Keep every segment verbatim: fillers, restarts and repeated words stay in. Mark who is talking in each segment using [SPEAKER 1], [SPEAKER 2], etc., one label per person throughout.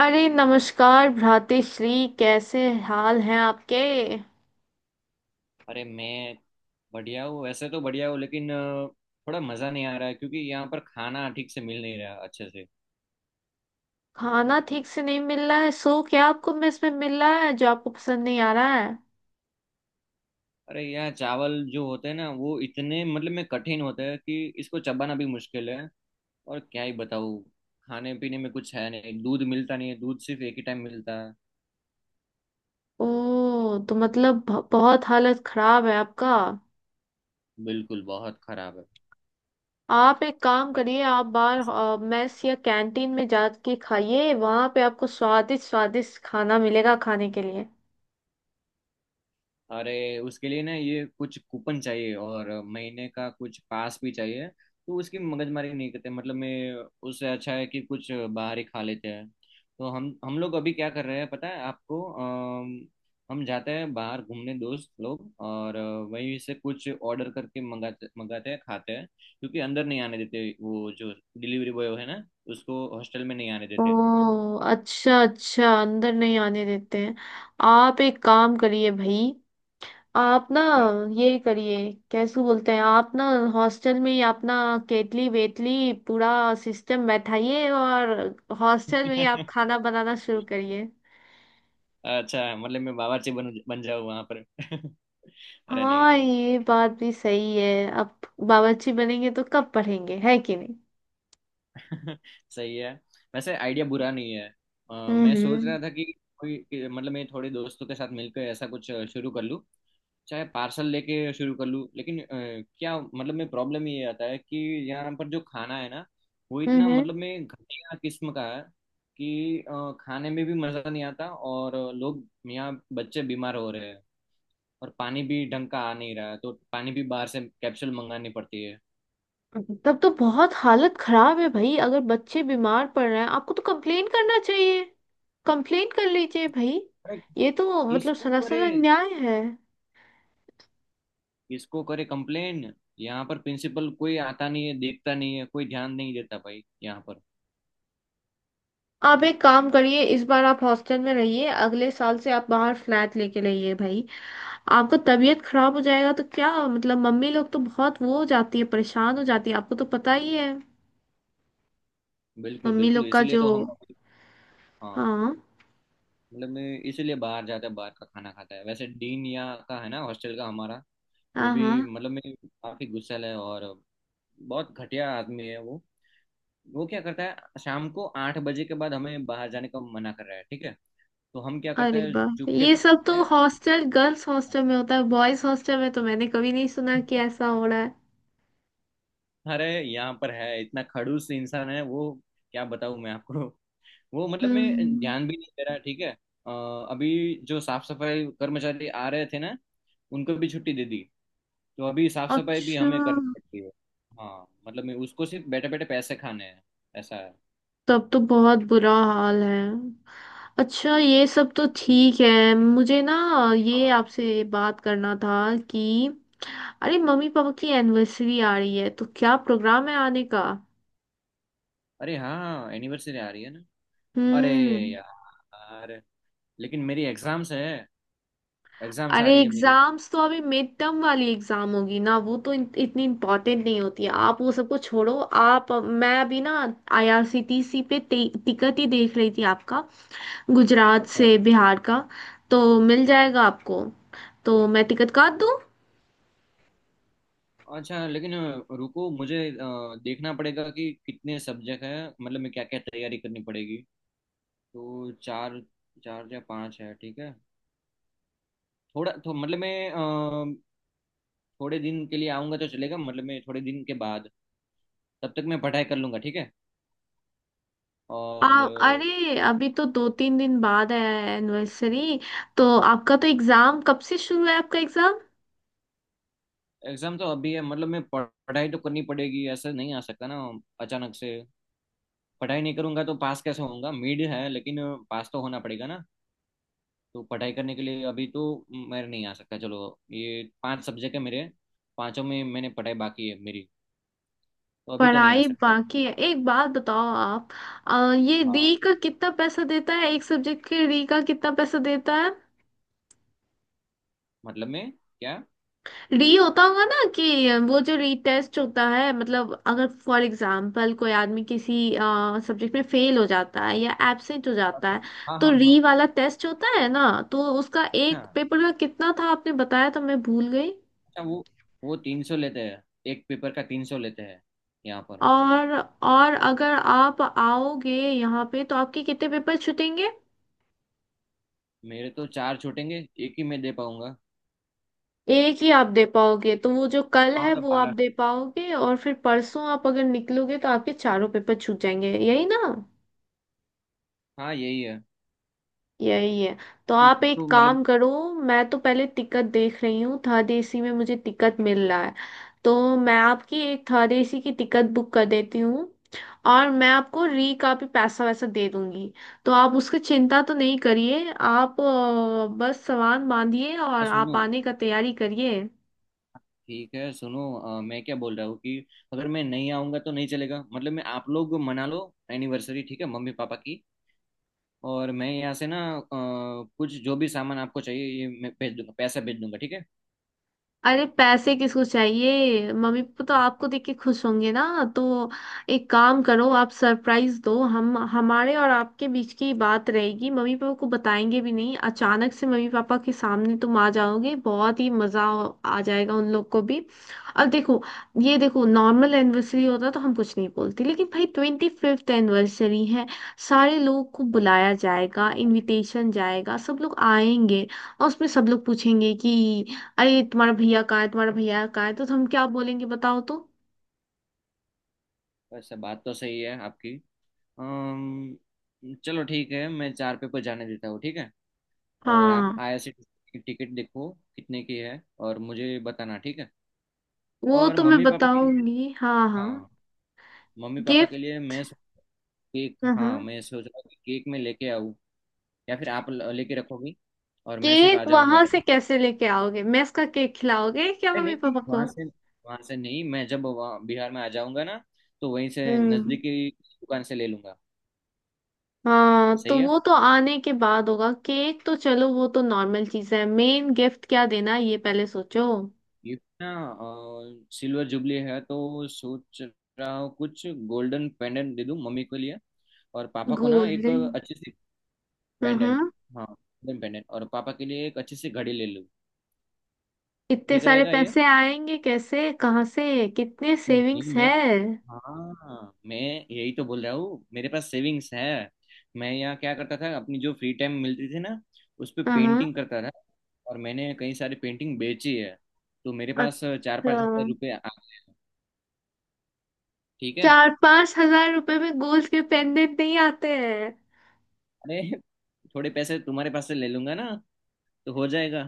[SPEAKER 1] अरे नमस्कार भ्रातेश्री, कैसे हाल हैं आपके?
[SPEAKER 2] अरे मैं बढ़िया हूँ। वैसे तो बढ़िया हूँ, लेकिन अ, थोड़ा मज़ा नहीं आ रहा है क्योंकि यहाँ पर खाना ठीक से मिल नहीं रहा, अच्छे से।
[SPEAKER 1] खाना ठीक से नहीं मिल रहा है? सो क्या आपको मेस में मिल रहा है जो आपको पसंद नहीं आ रहा है?
[SPEAKER 2] अरे यहाँ चावल जो होते हैं ना, वो इतने मतलब में कठिन होते हैं कि इसको चबाना भी मुश्किल है। और क्या ही बताऊँ। खाने पीने में कुछ है नहीं, दूध मिलता नहीं है, दूध सिर्फ एक ही टाइम मिलता है।
[SPEAKER 1] ओ तो मतलब ब- बहुत हालत खराब है आपका।
[SPEAKER 2] बिल्कुल बहुत खराब
[SPEAKER 1] आप एक काम करिए, आप बाहर
[SPEAKER 2] है।
[SPEAKER 1] अ, मेस या कैंटीन में जाके खाइए, वहां पे आपको स्वादिष्ट स्वादिष्ट खाना मिलेगा खाने के लिए।
[SPEAKER 2] अरे उसके लिए ना ये कुछ कूपन चाहिए और महीने का कुछ पास भी चाहिए, तो उसकी मगजमारी नहीं करते मतलब मैं। उससे अच्छा है कि कुछ बाहर ही खा लेते हैं। तो हम हम लोग अभी क्या कर रहे हैं पता है आपको, अम, हम जाते हैं बाहर घूमने दोस्त लोग और अ, वहीं से कुछ ऑर्डर करके मंगाते मंगाते हैं, खाते हैं, क्योंकि अंदर नहीं आने देते वो जो डिलीवरी बॉय है ना, उसको हॉस्टल में नहीं आने
[SPEAKER 1] ओ
[SPEAKER 2] देते।
[SPEAKER 1] अच्छा अच्छा, अंदर नहीं आने देते हैं। आप एक काम करिए भाई, आप ना, ये करिए, कैसे बोलते हैं आप ना, हॉस्टल में ही अपना केटली वेटली पूरा सिस्टम बैठाइए, और हॉस्टल में ही
[SPEAKER 2] क्या?
[SPEAKER 1] आप खाना बनाना शुरू करिए।
[SPEAKER 2] अच्छा, मतलब मैं बावर्ची बन बन जाऊँ वहां पर? अरे नहीं
[SPEAKER 1] हाँ
[SPEAKER 2] नहीं।
[SPEAKER 1] ये बात भी सही है अब। बावर्ची बनेंगे तो कब पढ़ेंगे, है कि नहीं।
[SPEAKER 2] सही है। वैसे आइडिया बुरा नहीं है। अ, मैं सोच
[SPEAKER 1] हम्म।
[SPEAKER 2] रहा था कि कोई कि- मतलब मैं थोड़े दोस्तों के साथ मिलकर ऐसा कुछ अ, शुरू कर लूँ, चाहे पार्सल लेके शुरू कर लूँ, लेकिन अ, क्या मतलब मैं प्रॉब्लम ये आता है कि यहाँ पर जो खाना है ना, वो इतना
[SPEAKER 1] हम्म।
[SPEAKER 2] मतलब मैं घटिया किस्म का है कि अ, खाने में भी मज़ा नहीं आता, और लोग यहाँ बच्चे बीमार हो रहे हैं और पानी भी ढंग का आ नहीं रहा है, तो पानी भी बाहर से कैप्सूल मंगानी पड़ती है।
[SPEAKER 1] तब तो बहुत हालत खराब है भाई, अगर बच्चे बीमार पड़ रहे हैं आपको तो कंप्लेन करना चाहिए। कंप्लेन कर लीजिए भाई।
[SPEAKER 2] अरे,
[SPEAKER 1] ये तो मतलब
[SPEAKER 2] किसको करे,
[SPEAKER 1] सरासर अन्याय है।
[SPEAKER 2] किसको करे कंप्लेन। यहाँ पर प्रिंसिपल कोई आता नहीं है, देखता नहीं है, कोई ध्यान नहीं देता भाई यहाँ पर।
[SPEAKER 1] आप एक काम करिए, इस बार आप हॉस्टल में रहिए, अगले साल से आप बाहर फ्लैट लेके रहिए भाई। आपको तबीयत खराब हो जाएगा तो क्या मतलब मम्मी लोग तो बहुत वो हो जाती है, परेशान हो जाती है, आपको तो पता ही है
[SPEAKER 2] बिल्कुल,
[SPEAKER 1] मम्मी लोग
[SPEAKER 2] बिल्कुल,
[SPEAKER 1] का
[SPEAKER 2] इसीलिए
[SPEAKER 1] जो।
[SPEAKER 2] तो हम। हाँ,
[SPEAKER 1] हाँ।
[SPEAKER 2] मतलब मैं इसीलिए बाहर जाता है, बाहर का खाना खाता है। वैसे डीन यहाँ का है ना हॉस्टल का हमारा, वो
[SPEAKER 1] हाँ।
[SPEAKER 2] भी
[SPEAKER 1] हाँ
[SPEAKER 2] मतलब मैं काफी गुस्सैल है, और बहुत घटिया आदमी है वो। वो क्या करता है शाम को आठ बजे के बाद हमें बाहर जाने का मना कर रहा है, ठीक है। तो हम क्या करते
[SPEAKER 1] अरे
[SPEAKER 2] हैं,
[SPEAKER 1] बाप रे,
[SPEAKER 2] चुपके
[SPEAKER 1] ये
[SPEAKER 2] से
[SPEAKER 1] सब तो
[SPEAKER 2] जाते हैं।
[SPEAKER 1] हॉस्टल, गर्ल्स हॉस्टल में होता है, बॉयज हॉस्टल में तो मैंने कभी नहीं सुना कि ऐसा हो रहा है।
[SPEAKER 2] अरे यहाँ पर है, इतना खड़ूस इंसान है वो, क्या बताऊँ मैं आपको। वो मतलब मैं
[SPEAKER 1] हम्म।
[SPEAKER 2] ध्यान भी नहीं दे रहा, ठीक है। अ, अभी जो साफ सफाई कर्मचारी आ रहे थे ना, उनको भी छुट्टी दे दी, तो अभी साफ सफाई भी
[SPEAKER 1] अच्छा
[SPEAKER 2] हमें करनी पड़ती है। हाँ, मतलब मैं उसको सिर्फ बैठे बैठे पैसे खाने हैं। ऐसा है।
[SPEAKER 1] तब तो बहुत बुरा हाल है। अच्छा ये सब तो ठीक है। मुझे ना ये
[SPEAKER 2] हाँ।
[SPEAKER 1] आपसे बात करना था कि, अरे मम्मी पापा की एनिवर्सरी आ रही है तो क्या प्रोग्राम है आने का?
[SPEAKER 2] अरे हाँ, एनिवर्सरी आ रही है ना। अरे
[SPEAKER 1] हम्म।
[SPEAKER 2] यार, लेकिन मेरी एग्जाम्स है, एग्जाम्स आ
[SPEAKER 1] अरे
[SPEAKER 2] रही है मेरी।
[SPEAKER 1] एग्जाम्स तो अभी मिड टर्म वाली एग्जाम होगी ना, वो तो इत- इतनी इम्पोर्टेंट नहीं होती है, आप वो सबको छोड़ो। आप, मैं अभी ना आईआरसीटीसी पे टिकट ही देख रही थी आपका, गुजरात
[SPEAKER 2] अच्छा,
[SPEAKER 1] से बिहार का। तो मिल जाएगा आपको। तो मैं टिकट काट दूँ?
[SPEAKER 2] अच्छा, लेकिन अ, रुको, मुझे अ, देखना पड़ेगा कि कितने सब्जेक्ट हैं मतलब मैं क्या क्या तैयारी करनी पड़ेगी। तो चार चार या पांच है, ठीक है। थोड़ा तो मतलब मैं अ, थोड़े दिन के लिए आऊँगा तो चलेगा, मतलब मैं थोड़े दिन के बाद, तब तक मैं पढ़ाई कर लूँगा, ठीक है।
[SPEAKER 1] आप
[SPEAKER 2] और
[SPEAKER 1] अरे अभी तो दो तीन दिन बाद है एनिवर्सरी, तो आपका तो एग्ज़ाम कब से शुरू है, आपका एग्ज़ाम?
[SPEAKER 2] एग्ज़ाम तो अभी है, मतलब मैं पढ़- पढ़ाई तो करनी पड़ेगी, ऐसा नहीं आ सकता ना, अचानक से। पढ़ाई नहीं करूँगा तो पास कैसे होऊंगा, मिड है लेकिन पास तो होना पड़ेगा ना। तो पढ़ाई करने के लिए अभी तो मैं नहीं आ सकता। चलो, ये पांच सब्जेक्ट है मेरे, पांचों में मैंने पढ़ाई बाकी है मेरी, तो अभी तो नहीं आ
[SPEAKER 1] पढ़ाई
[SPEAKER 2] सकता।
[SPEAKER 1] बाकी है। एक बात बताओ आप, अ, ये री
[SPEAKER 2] हाँ,
[SPEAKER 1] का कितना पैसा देता है, एक सब्जेक्ट के री का कितना पैसा देता है?
[SPEAKER 2] मतलब मैं क्या।
[SPEAKER 1] री होता होगा ना कि वो जो रीटेस्ट होता है, मतलब अगर फॉर एग्जांपल कोई आदमी किसी सब्जेक्ट में फेल हो जाता है या एब्सेंट हो जाता है,
[SPEAKER 2] अच्छा। हाँ,
[SPEAKER 1] तो
[SPEAKER 2] हाँ,
[SPEAKER 1] री
[SPEAKER 2] हाँ।
[SPEAKER 1] वाला टेस्ट होता है ना, तो उसका
[SPEAKER 2] हाँ।
[SPEAKER 1] एक
[SPEAKER 2] हाँ।
[SPEAKER 1] पेपर का कितना था आपने बताया, तो मैं भूल गई।
[SPEAKER 2] अच्छा, वो वो तीन सौ लेते हैं, एक पेपर का तीन सौ लेते हैं यहाँ पर।
[SPEAKER 1] और और अगर आप आओगे यहाँ पे तो आपके कितने पेपर छूटेंगे?
[SPEAKER 2] मेरे तो चार छूटेंगे, एक ही मैं दे पाऊंगा।
[SPEAKER 1] एक ही आप दे पाओगे, तो वो जो कल
[SPEAKER 2] हाँ,
[SPEAKER 1] है
[SPEAKER 2] मतलब
[SPEAKER 1] वो आप
[SPEAKER 2] बारह।
[SPEAKER 1] दे पाओगे, और फिर परसों आप अगर निकलोगे तो आपके चारों पेपर छूट जाएंगे, यही ना?
[SPEAKER 2] हाँ, यही है।
[SPEAKER 1] यही है। तो आप एक
[SPEAKER 2] तो
[SPEAKER 1] काम
[SPEAKER 2] मतलब
[SPEAKER 1] करो, मैं तो पहले टिकट देख रही हूँ, थर्ड एसी में मुझे टिकट मिल रहा है, तो मैं आपकी एक थर्ड एसी की टिकट बुक कर देती हूँ, और मैं आपको री का भी पैसा वैसा दे दूंगी, तो आप उसकी चिंता तो नहीं करिए, आप अ, बस सामान बांधिए और आप
[SPEAKER 2] सुनो,
[SPEAKER 1] आने का तैयारी करिए।
[SPEAKER 2] ठीक है, सुनो, अ, मैं क्या बोल रहा हूँ कि अगर मैं नहीं आऊंगा तो नहीं चलेगा, मतलब मैं आप लोग मना लो एनिवर्सरी, ठीक है, मम्मी पापा की। और मैं यहाँ से ना, अ, कुछ जो भी सामान आपको चाहिए, ये मैं भेज दूंगा, पैसा भेज दूंगा, ठीक है।
[SPEAKER 1] अरे पैसे किसको चाहिए, मम्मी पापा तो आपको देख के खुश होंगे ना, तो एक काम करो, आप सरप्राइज दो, हम हमारे और आपके बीच की बात रहेगी, मम्मी पापा को बताएंगे भी नहीं, अचानक से मम्मी पापा के सामने तुम आ जाओगे, बहुत ही मजा आ जाएगा उन लोग को भी। और देखो, ये देखो, नॉर्मल एनिवर्सरी होता तो हम कुछ नहीं बोलते, लेकिन भाई ट्वेंटी फिफ्थ एनिवर्सरी है, सारे लोग को
[SPEAKER 2] अरे,
[SPEAKER 1] बुलाया जाएगा, इनविटेशन जाएगा, सब लोग आएंगे, और उसमें सब लोग पूछेंगे कि अरे तुम्हारा भैया कहाँ है, तुम्हारा भैया कहाँ है, तो हम क्या बोलेंगे बताओ तो।
[SPEAKER 2] वैसे बात तो सही है आपकी। अम्म चलो, ठीक है, मैं चार पे पर जाने देता हूँ, ठीक है। और आप
[SPEAKER 1] हाँ।
[SPEAKER 2] आईआरसीटीसी की टिकट देखो कितने की है और मुझे बताना, ठीक है।
[SPEAKER 1] वो
[SPEAKER 2] और
[SPEAKER 1] तो मैं
[SPEAKER 2] मम्मी पापा के लिए,
[SPEAKER 1] बताऊंगी, हाँ हाँ।
[SPEAKER 2] हाँ, मम्मी पापा
[SPEAKER 1] गिफ्ट।
[SPEAKER 2] के लिए मैं सो- केक,
[SPEAKER 1] हाँ हाँ।
[SPEAKER 2] हाँ, मैं सोच रहा हूँ कि केक में लेके आऊँ, या फिर आप ल- लेके रखोगी और मैं सिर्फ आ
[SPEAKER 1] केक
[SPEAKER 2] जाऊँगा।
[SPEAKER 1] वहां से कैसे लेके आओगे, मेस का केक खिलाओगे क्या
[SPEAKER 2] नहीं, नहीं,
[SPEAKER 1] मम्मी
[SPEAKER 2] नहीं,
[SPEAKER 1] पापा को?
[SPEAKER 2] वहां से, वहां से नहीं, मैं जब वहाँ बिहार में आ जाऊंगा ना, तो वहीं से
[SPEAKER 1] हम्म।
[SPEAKER 2] नजदीकी दुकान से ले लूंगा।
[SPEAKER 1] हाँ
[SPEAKER 2] सही
[SPEAKER 1] तो
[SPEAKER 2] है।
[SPEAKER 1] वो तो आने के बाद होगा केक, तो चलो वो तो नॉर्मल चीज है, मेन गिफ्ट क्या देना है, ये पहले सोचो।
[SPEAKER 2] ये ना अ, सिल्वर जुबली है, तो सोच रहा हूँ कुछ गोल्डन पेंडेंट दे दूं मम्मी के लिए, और पापा को ना
[SPEAKER 1] गोल्ड।
[SPEAKER 2] एक अच्छी सी
[SPEAKER 1] हाँ
[SPEAKER 2] पेंडेंट।
[SPEAKER 1] हाँ।
[SPEAKER 2] हाँ, गोल्डन पेंडेंट, और पापा के लिए एक अच्छी सी घड़ी ले लूं।
[SPEAKER 1] इतने
[SPEAKER 2] ठीक
[SPEAKER 1] सारे
[SPEAKER 2] रहेगा ये?
[SPEAKER 1] पैसे आएंगे कैसे, कहाँ से, कितने सेविंग्स
[SPEAKER 2] नहीं, मैं,
[SPEAKER 1] है?
[SPEAKER 2] हाँ, मैं यही तो बोल रहा हूँ, मेरे पास सेविंग्स है। मैं यहाँ क्या करता था, अपनी जो फ्री टाइम मिलती थी ना, उस पे
[SPEAKER 1] हाँ हाँ।
[SPEAKER 2] पेंटिंग करता था, और मैंने कई सारी पेंटिंग बेची है, तो मेरे पास चार
[SPEAKER 1] अच्छा।
[SPEAKER 2] पाँच हजार रुपये आ- ठीक है।
[SPEAKER 1] चार पांच हज़ार रुपए में गोल्ड के पेंडेंट नहीं आते हैं।
[SPEAKER 2] अरे, थोड़े पैसे तुम्हारे पास से ले लूंगा ना, तो हो जाएगा,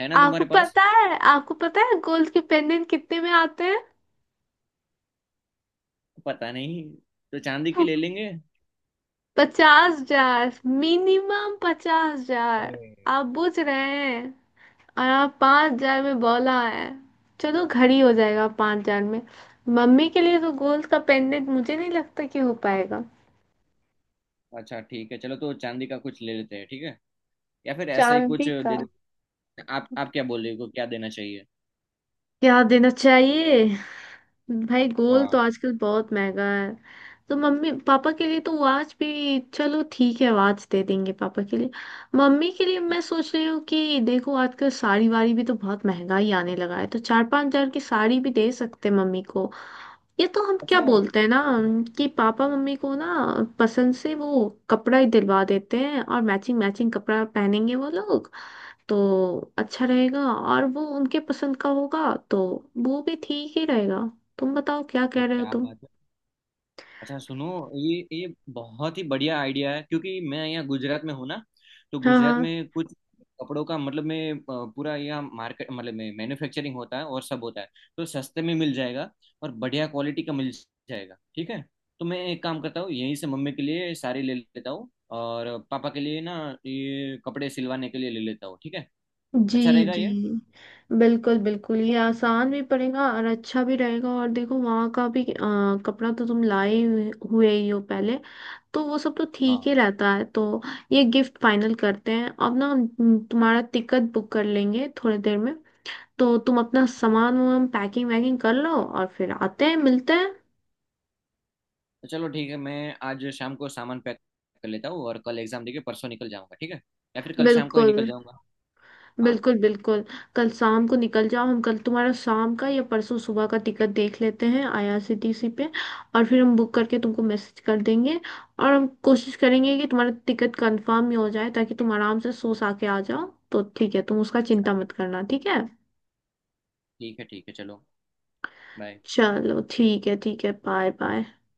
[SPEAKER 2] है ना
[SPEAKER 1] आपको
[SPEAKER 2] तुम्हारे पास?
[SPEAKER 1] पता है, आपको पता है गोल्ड के पेंडेंट कितने में आते हैं?
[SPEAKER 2] पता नहीं। तो चांदी की ले लेंगे।
[SPEAKER 1] पचास हज़ार। मिनिमम पचास हज़ार।
[SPEAKER 2] अरे
[SPEAKER 1] आप बुझ रहे हैं। और आप पाँच हज़ार में बोला है। चलो घड़ी हो जाएगा पाँच हज़ार में। मम्मी के लिए तो गोल्ड का पेंडेंट मुझे नहीं लगता कि हो पाएगा।
[SPEAKER 2] अच्छा, ठीक है, चलो तो चांदी का कुछ ले लेते हैं, ठीक है, या फिर ऐसा ही कुछ
[SPEAKER 1] चांदी का
[SPEAKER 2] दे दे। आप आप क्या बोल रहे हो, क्या देना चाहिए?
[SPEAKER 1] क्या देना चाहिए? भाई गोल तो
[SPEAKER 2] हाँ।
[SPEAKER 1] आजकल बहुत महंगा है। तो मम्मी पापा के लिए तो वाच भी चलो ठीक है, वाच दे देंगे पापा के लिए। मम्मी के लिए
[SPEAKER 2] ठीक।
[SPEAKER 1] मैं सोच रही हूँ कि देखो आजकल साड़ी वाड़ी भी तो बहुत महंगा ही आने लगा है, तो चार पाँच हज़ार की साड़ी भी दे सकते हैं मम्मी को। ये तो हम क्या
[SPEAKER 2] अच्छा।
[SPEAKER 1] बोलते हैं ना कि पापा मम्मी को ना पसंद से वो कपड़ा ही दिलवा देते हैं, और मैचिंग मैचिंग कपड़ा पहनेंगे वो लोग, तो अच्छा रहेगा, और वो उनके पसंद का होगा तो वो भी ठीक ही रहेगा। तुम बताओ क्या
[SPEAKER 2] अरे
[SPEAKER 1] कह रहे हो
[SPEAKER 2] क्या
[SPEAKER 1] तुम।
[SPEAKER 2] बात है। अच्छा सुनो, ये ये बहुत ही बढ़िया आइडिया है, क्योंकि मैं यहाँ गुजरात में हूँ ना, तो
[SPEAKER 1] हाँ
[SPEAKER 2] गुजरात
[SPEAKER 1] हाँ।
[SPEAKER 2] में कुछ कपड़ों का मतलब में अ, पूरा यहाँ मार्केट मतलब में मैन्युफैक्चरिंग होता है और सब होता है, तो सस्ते में मिल जाएगा, और बढ़िया क्वालिटी का मिल जाएगा, ठीक है। तो मैं एक काम करता हूँ, यहीं से मम्मी के लिए साड़ी ले लेता हूँ, और पापा के लिए ना ये कपड़े सिलवाने के लिए ले लेता हूँ, ठीक है।
[SPEAKER 1] जी।
[SPEAKER 2] अच्छा रहेगा
[SPEAKER 1] जी
[SPEAKER 2] ये।
[SPEAKER 1] बिल्कुल बिल्कुल, ये आसान भी पड़ेगा और अच्छा भी रहेगा, और देखो वहाँ का भी आ, कपड़ा तो तुम लाए हुए हुए ही हो पहले, तो वो सब तो ठीक ही
[SPEAKER 2] हाँ,
[SPEAKER 1] रहता है तो ये गिफ्ट फाइनल करते हैं अब ना हम। हम्म, तुम्हारा टिकट बुक कर लेंगे थोड़ी देर में, तो तुम अपना सामान वामान पैकिंग वैकिंग कर लो, और फिर आते हैं मिलते हैं।
[SPEAKER 2] तो चलो, ठीक है, मैं आज शाम को सामान पैक कर लेता हूँ और कल एग्जाम देके परसों निकल जाऊंगा, ठीक है, या फिर कल शाम को ही
[SPEAKER 1] बिल्कुल।
[SPEAKER 2] निकल जाऊंगा। हाँ।
[SPEAKER 1] बिल्कुल बिल्कुल। कल शाम को निकल जाओ, हम कल तुम्हारा शाम का या परसों सुबह का टिकट देख लेते हैं आईआरसीटीसी पे, और फिर हम बुक करके तुमको मैसेज कर देंगे, और हम कोशिश करेंगे कि तुम्हारा टिकट कंफर्म ही हो जाए ताकि तुम आराम से सो सा के आ जाओ। तो ठीक है, तुम उसका
[SPEAKER 2] अच्छा,
[SPEAKER 1] चिंता
[SPEAKER 2] हाँ,
[SPEAKER 1] मत करना ठीक है।
[SPEAKER 2] ठीक है, ठीक है, चलो, बाय।
[SPEAKER 1] चलो ठीक है, ठीक है, बाय बाय।